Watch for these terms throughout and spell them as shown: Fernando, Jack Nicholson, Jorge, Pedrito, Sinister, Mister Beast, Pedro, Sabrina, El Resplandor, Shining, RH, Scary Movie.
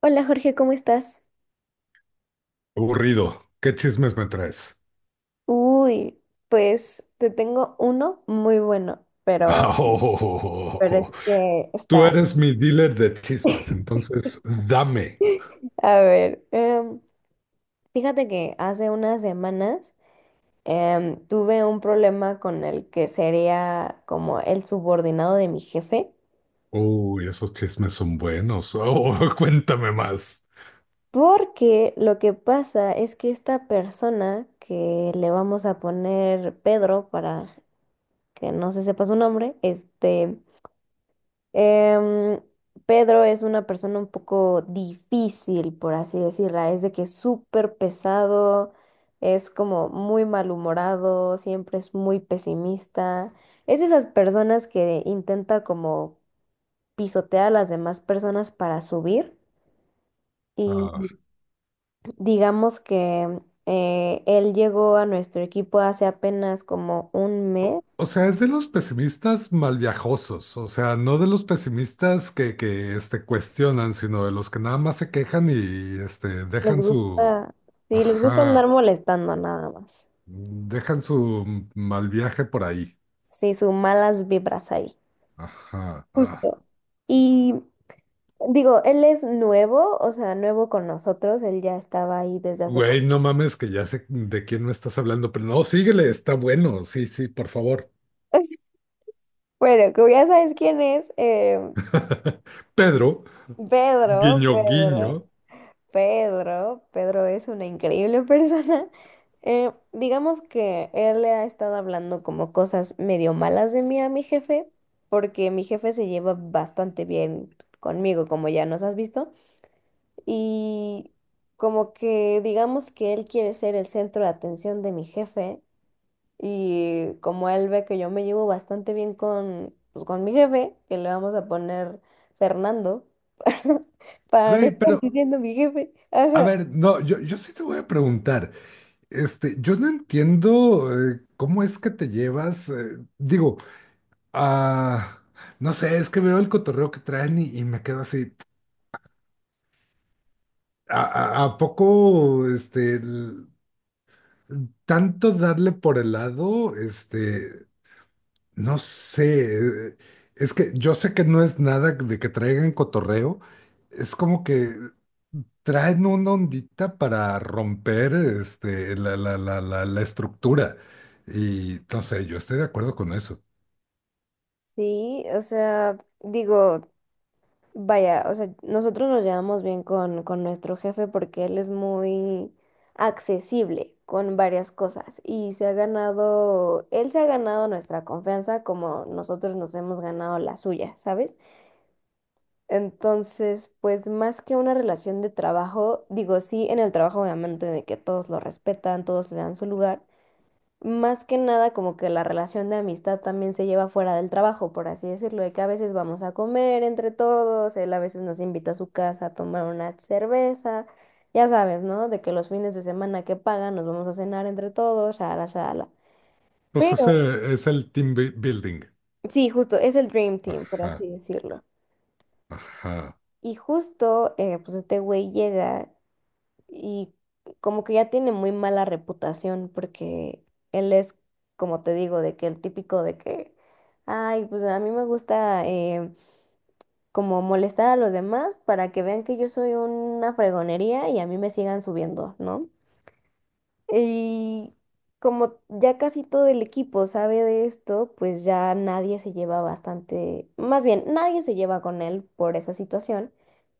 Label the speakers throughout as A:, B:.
A: Hola Jorge, ¿cómo estás?
B: Aburrido. ¿Qué chismes me traes?
A: Uy, pues te tengo uno muy bueno, pero
B: Oh,
A: es que
B: tú
A: está.
B: eres mi dealer de chismes, entonces dame.
A: A ver, fíjate que hace unas semanas tuve un problema con el que sería como el subordinado de mi jefe,
B: Uy, esos chismes son buenos. Oh, cuéntame más.
A: porque lo que pasa es que esta persona que le vamos a poner Pedro para que no se sepa su nombre, Em, Pedro es una persona un poco difícil, por así decirla. Es de que es súper pesado, es como muy malhumorado, siempre es muy pesimista. Es de esas personas que intenta como pisotear a las demás personas para subir. Y
B: Ah,
A: digamos que él llegó a nuestro equipo hace apenas como un mes.
B: o sea, es de los pesimistas malviajosos, o sea, no de los pesimistas que cuestionan, sino de los que nada más se quejan y este,
A: Les
B: dejan su...
A: gusta, sí, les gusta andar
B: Ajá,
A: molestando nada más.
B: dejan su mal viaje por ahí.
A: Sí, sus malas vibras ahí,
B: Ajá, ah.
A: justo. Y digo, él es nuevo, o sea, nuevo con nosotros, él ya estaba ahí desde hace
B: Güey,
A: como...
B: no mames que ya sé de quién me estás hablando, pero no, síguele, está bueno, sí, sí, por favor.
A: Bueno, como ya sabes quién es,
B: Pedro,
A: Pedro,
B: guiño,
A: Pedro,
B: guiño.
A: Pedro, Pedro es una increíble persona. Digamos que él le ha estado hablando como cosas medio malas de mí a mi jefe, porque mi jefe se lleva bastante bien conmigo, como ya nos has visto. Y como que digamos que él quiere ser el centro de atención de mi jefe y como él ve que yo me llevo bastante bien con, pues, con mi jefe, que le vamos a poner Fernando para no
B: Güey,
A: estar
B: pero,
A: diciendo mi jefe.
B: a
A: Ajá.
B: ver, no, yo sí te voy a preguntar, este, yo no entiendo, cómo es que te llevas, digo, ah, no sé, es que veo el cotorreo que traen y me quedo así, ¿a poco, este, tanto darle por el lado, este...? No sé, es que yo sé que no es nada de que traigan cotorreo, es como que traen una ondita para romper este, la estructura. Y no sé, yo estoy de acuerdo con eso.
A: Sí, o sea, digo, vaya, o sea, nosotros nos llevamos bien con nuestro jefe porque él es muy accesible con varias cosas y se ha ganado, él se ha ganado nuestra confianza como nosotros nos hemos ganado la suya, ¿sabes? Entonces, pues más que una relación de trabajo, digo, sí, en el trabajo obviamente de que todos lo respetan, todos le dan su lugar, más que nada, como que la relación de amistad también se lleva fuera del trabajo, por así decirlo, de que a veces vamos a comer entre todos, él a veces nos invita a su casa a tomar una cerveza, ya sabes, ¿no? De que los fines de semana que pagan nos vamos a cenar entre todos, shala, shala.
B: Pues
A: Pero,
B: ese es el building.
A: sí, justo, es el Dream Team, por así
B: Ajá,
A: decirlo.
B: ajá.
A: Y justo, pues este güey llega y como que ya tiene muy mala reputación porque él es, como te digo, de que el típico de que, ay, pues a mí me gusta como molestar a los demás para que vean que yo soy una fregonería y a mí me sigan subiendo, ¿no? Y como ya casi todo el equipo sabe de esto, pues ya nadie se lleva bastante, más bien, nadie se lleva con él por esa situación.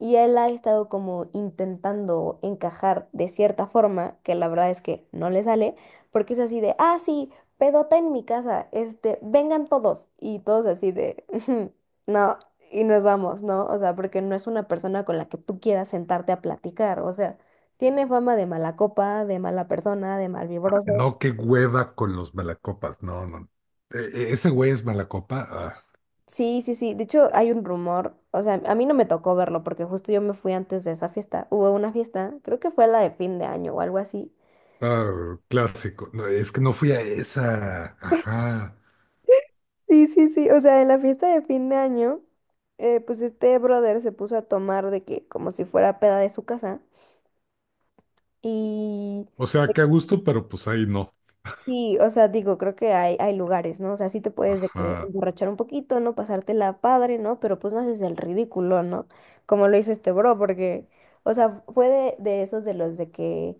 A: Y él ha estado como intentando encajar de cierta forma, que la verdad es que no le sale, porque es así de, ah, sí, pedota en mi casa, este, vengan todos. Y todos así de, no, y nos vamos, ¿no? O sea, porque no es una persona con la que tú quieras sentarte a platicar, o sea, tiene fama de mala copa, de mala persona, de malvibroso.
B: No, qué hueva con los malacopas. No, no. Ese güey es malacopa. Ah,
A: Sí, sí, sí. De hecho, hay un rumor, o sea, a mí no me tocó verlo porque justo yo me fui antes de esa fiesta. Hubo una fiesta, creo que fue la de fin de año o algo así.
B: ah, clásico. No, es que no fui a esa. Ajá.
A: Sí, sí, sí. O sea, en la fiesta de fin de año, pues este brother se puso a tomar de que como si fuera peda de su casa. Y
B: O sea, qué a gusto, pero pues ahí no.
A: sí, o sea, digo, creo que hay lugares, ¿no? O sea, sí te puedes de que
B: Ajá.
A: emborrachar un poquito, ¿no? Pasártela padre, ¿no? Pero pues no haces el ridículo, ¿no? Como lo hizo este bro, porque, o sea, fue de esos de los de que,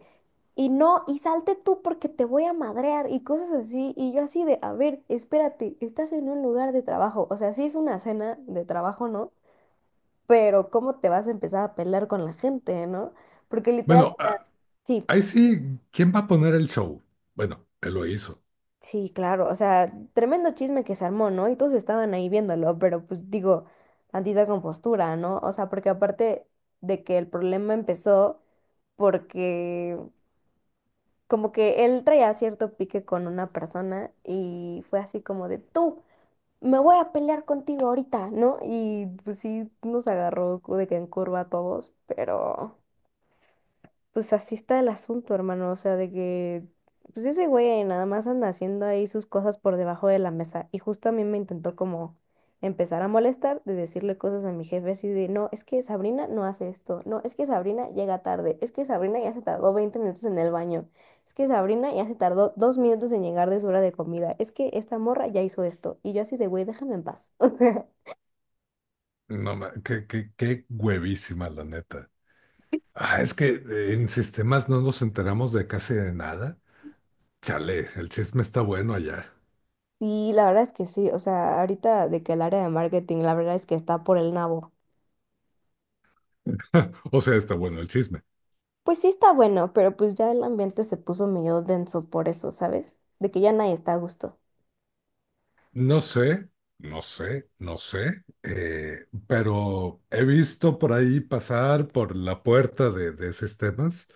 A: y no, y salte tú porque te voy a madrear y cosas así. Y yo así de, a ver, espérate, estás en un lugar de trabajo. O sea, sí es una cena de trabajo, ¿no? Pero ¿cómo te vas a empezar a pelear con la gente, no? Porque literal,
B: Bueno,
A: o sea,
B: ah,
A: sí,
B: ahí sí, ¿quién va a poner el show? Bueno, él lo hizo.
A: sí, claro, o sea, tremendo chisme que se armó, ¿no? Y todos estaban ahí viéndolo, pero pues digo, tantita compostura, ¿no? O sea, porque aparte de que el problema empezó porque como que él traía cierto pique con una persona y fue así como de tú. Me voy a pelear contigo ahorita, ¿no? Y pues sí, nos agarró de que en curva a todos, pero pues así está el asunto, hermano, o sea, de que, pues ese güey nada más anda haciendo ahí sus cosas por debajo de la mesa y justo a mí me intentó como empezar a molestar de decirle cosas a mi jefe así de, no, es que Sabrina no hace esto, no, es que Sabrina llega tarde, es que Sabrina ya se tardó 20 minutos en el baño, es que Sabrina ya se tardó 2 minutos en llegar de su hora de comida, es que esta morra ya hizo esto y yo así de, güey, déjame en paz.
B: No, qué, qué huevísima, la neta. Ah, es que en sistemas no nos enteramos de casi de nada. Chale, el chisme está bueno allá.
A: Y la verdad es que sí, o sea, ahorita de que el área de marketing, la verdad es que está por el nabo.
B: O sea, está bueno el chisme.
A: Pues sí está bueno, pero pues ya el ambiente se puso medio denso por eso, ¿sabes? De que ya nadie está a gusto.
B: No sé, no sé, pero he visto por ahí pasar por la puerta de sistemas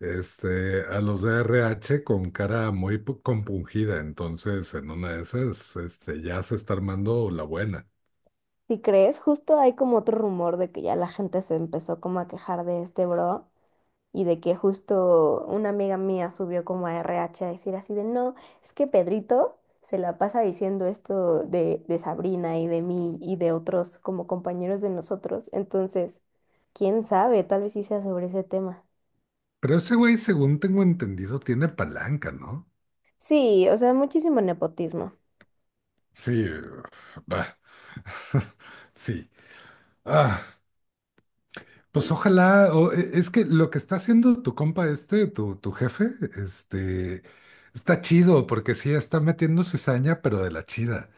B: este, a los de RH con cara muy compungida, entonces en una de esas este, ya se está armando la buena.
A: Si crees, justo hay como otro rumor de que ya la gente se empezó como a quejar de este bro y de que justo una amiga mía subió como a RH a decir así de no, es que Pedrito se la pasa diciendo esto de Sabrina y de mí y de otros como compañeros de nosotros. Entonces, quién sabe, tal vez sí sea sobre ese tema.
B: Pero ese güey, según tengo entendido, tiene palanca, ¿no?
A: Sí, o sea, muchísimo nepotismo.
B: Sí, va. Sí. Ah. Pues ojalá, o es que lo que está haciendo tu compa este, tu jefe, este, está chido, porque sí está metiendo cizaña, pero de la chida.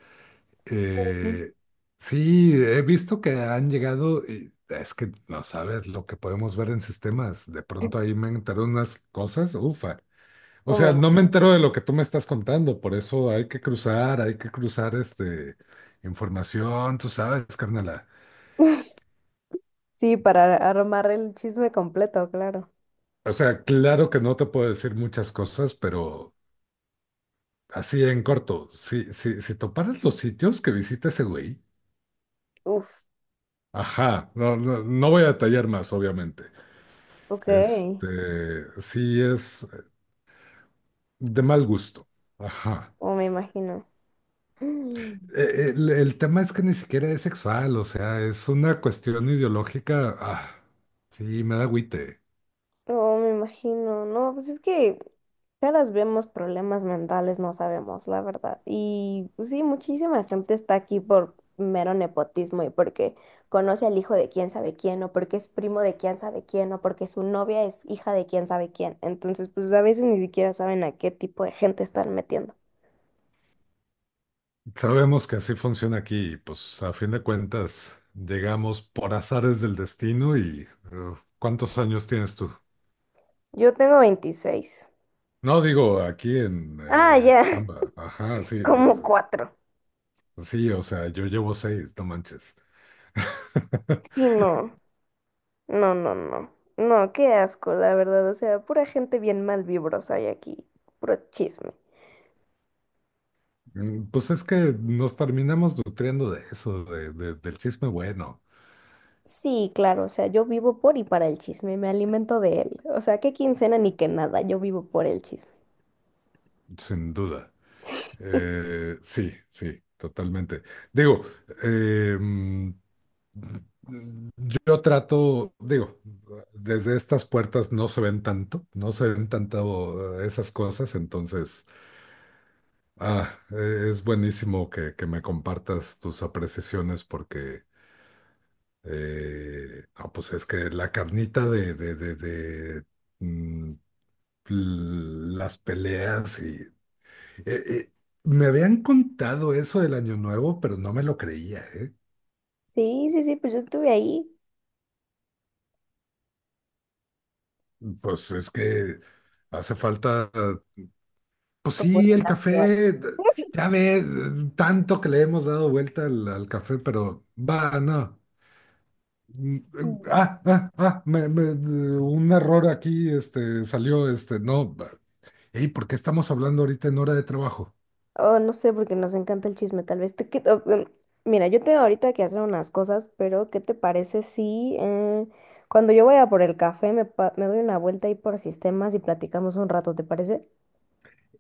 A: Sí.
B: Eh, sí, he visto que han llegado, y es que no sabes lo que podemos ver en sistemas. De pronto ahí me enteré unas cosas, ufa. O
A: O me
B: sea, no me entero de lo que tú me estás contando, por eso hay que cruzar este, información, tú sabes, carnala.
A: sí, para armar el chisme completo, claro.
B: O sea, claro que no te puedo decir muchas cosas, pero así en corto, si toparas los sitios que visita ese güey,
A: Uf,
B: ajá, no voy a detallar más, obviamente.
A: ok.
B: Este, sí es de mal gusto, ajá.
A: Oh, me imagino. Mm,
B: El tema es que ni siquiera es sexual, o sea, es una cuestión ideológica, ah, sí, me da agüite.
A: oh, me imagino. No, pues es que caras vemos problemas mentales, no sabemos, la verdad. Y pues sí, muchísima gente está aquí por mero nepotismo y porque conoce al hijo de quién sabe quién, o porque es primo de quién sabe quién, o porque su novia es hija de quién sabe quién. Entonces, pues a veces ni siquiera saben a qué tipo de gente están metiendo.
B: Sabemos que así funciona aquí, y pues a fin de cuentas, llegamos por azares del destino y, ¿cuántos años tienes tú?
A: Yo tengo 26.
B: No, digo, aquí
A: Ah,
B: en la
A: ya.
B: chamba. Ajá, sí,
A: Como
B: pues,
A: cuatro.
B: sí, o sea, yo llevo seis, no manches.
A: Sí, no. No, no, no. No, qué asco, la verdad. O sea, pura gente bien mal vibrosa hay aquí. Puro chisme.
B: Pues es que nos terminamos nutriendo de eso, de, del chisme bueno,
A: Sí, claro, o sea, yo vivo por y para el chisme, me alimento de él. O sea, qué quincena ni que nada, yo vivo por el chisme.
B: sin duda. Sí, totalmente. Digo, eh, mm, yo trato, digo, desde estas puertas no se ven tanto esas cosas, entonces... Ah, es buenísimo que me compartas tus apreciaciones porque, no, pues es que la carnita de, mm, las peleas y... eh, me habían contado eso del Año Nuevo, pero no me lo creía, ¿eh?
A: Sí, sí, sí, pues yo estuve ahí.
B: Pues es que hace falta, pues sí, el
A: Comunicación.
B: café, ya ve, tanto que le hemos dado vuelta al, al café, pero va, no. Un error aquí, este, salió, este, no, ey, ¿por qué estamos hablando ahorita en hora de trabajo?
A: Oh, no sé, porque nos encanta el chisme, tal vez. Te, que- oh, mira, yo tengo ahorita que hacer unas cosas, pero ¿qué te parece si cuando yo vaya por el café me, pa- me doy una vuelta ahí por sistemas y platicamos un rato, ¿te parece?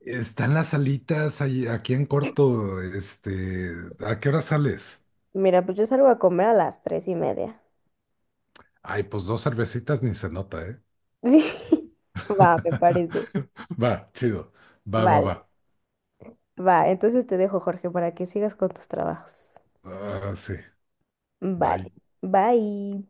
B: Están las salitas ahí, aquí en corto, este, ¿a qué hora sales?
A: Mira, pues yo salgo a comer a las 3:30.
B: Ay, pues dos cervecitas ni se nota, ¿eh?
A: Sí, va, me parece.
B: Va, chido,
A: Vale,
B: va.
A: va. Entonces te dejo, Jorge, para que sigas con tus trabajos.
B: Ah, sí,
A: Vale,
B: bye.
A: bye.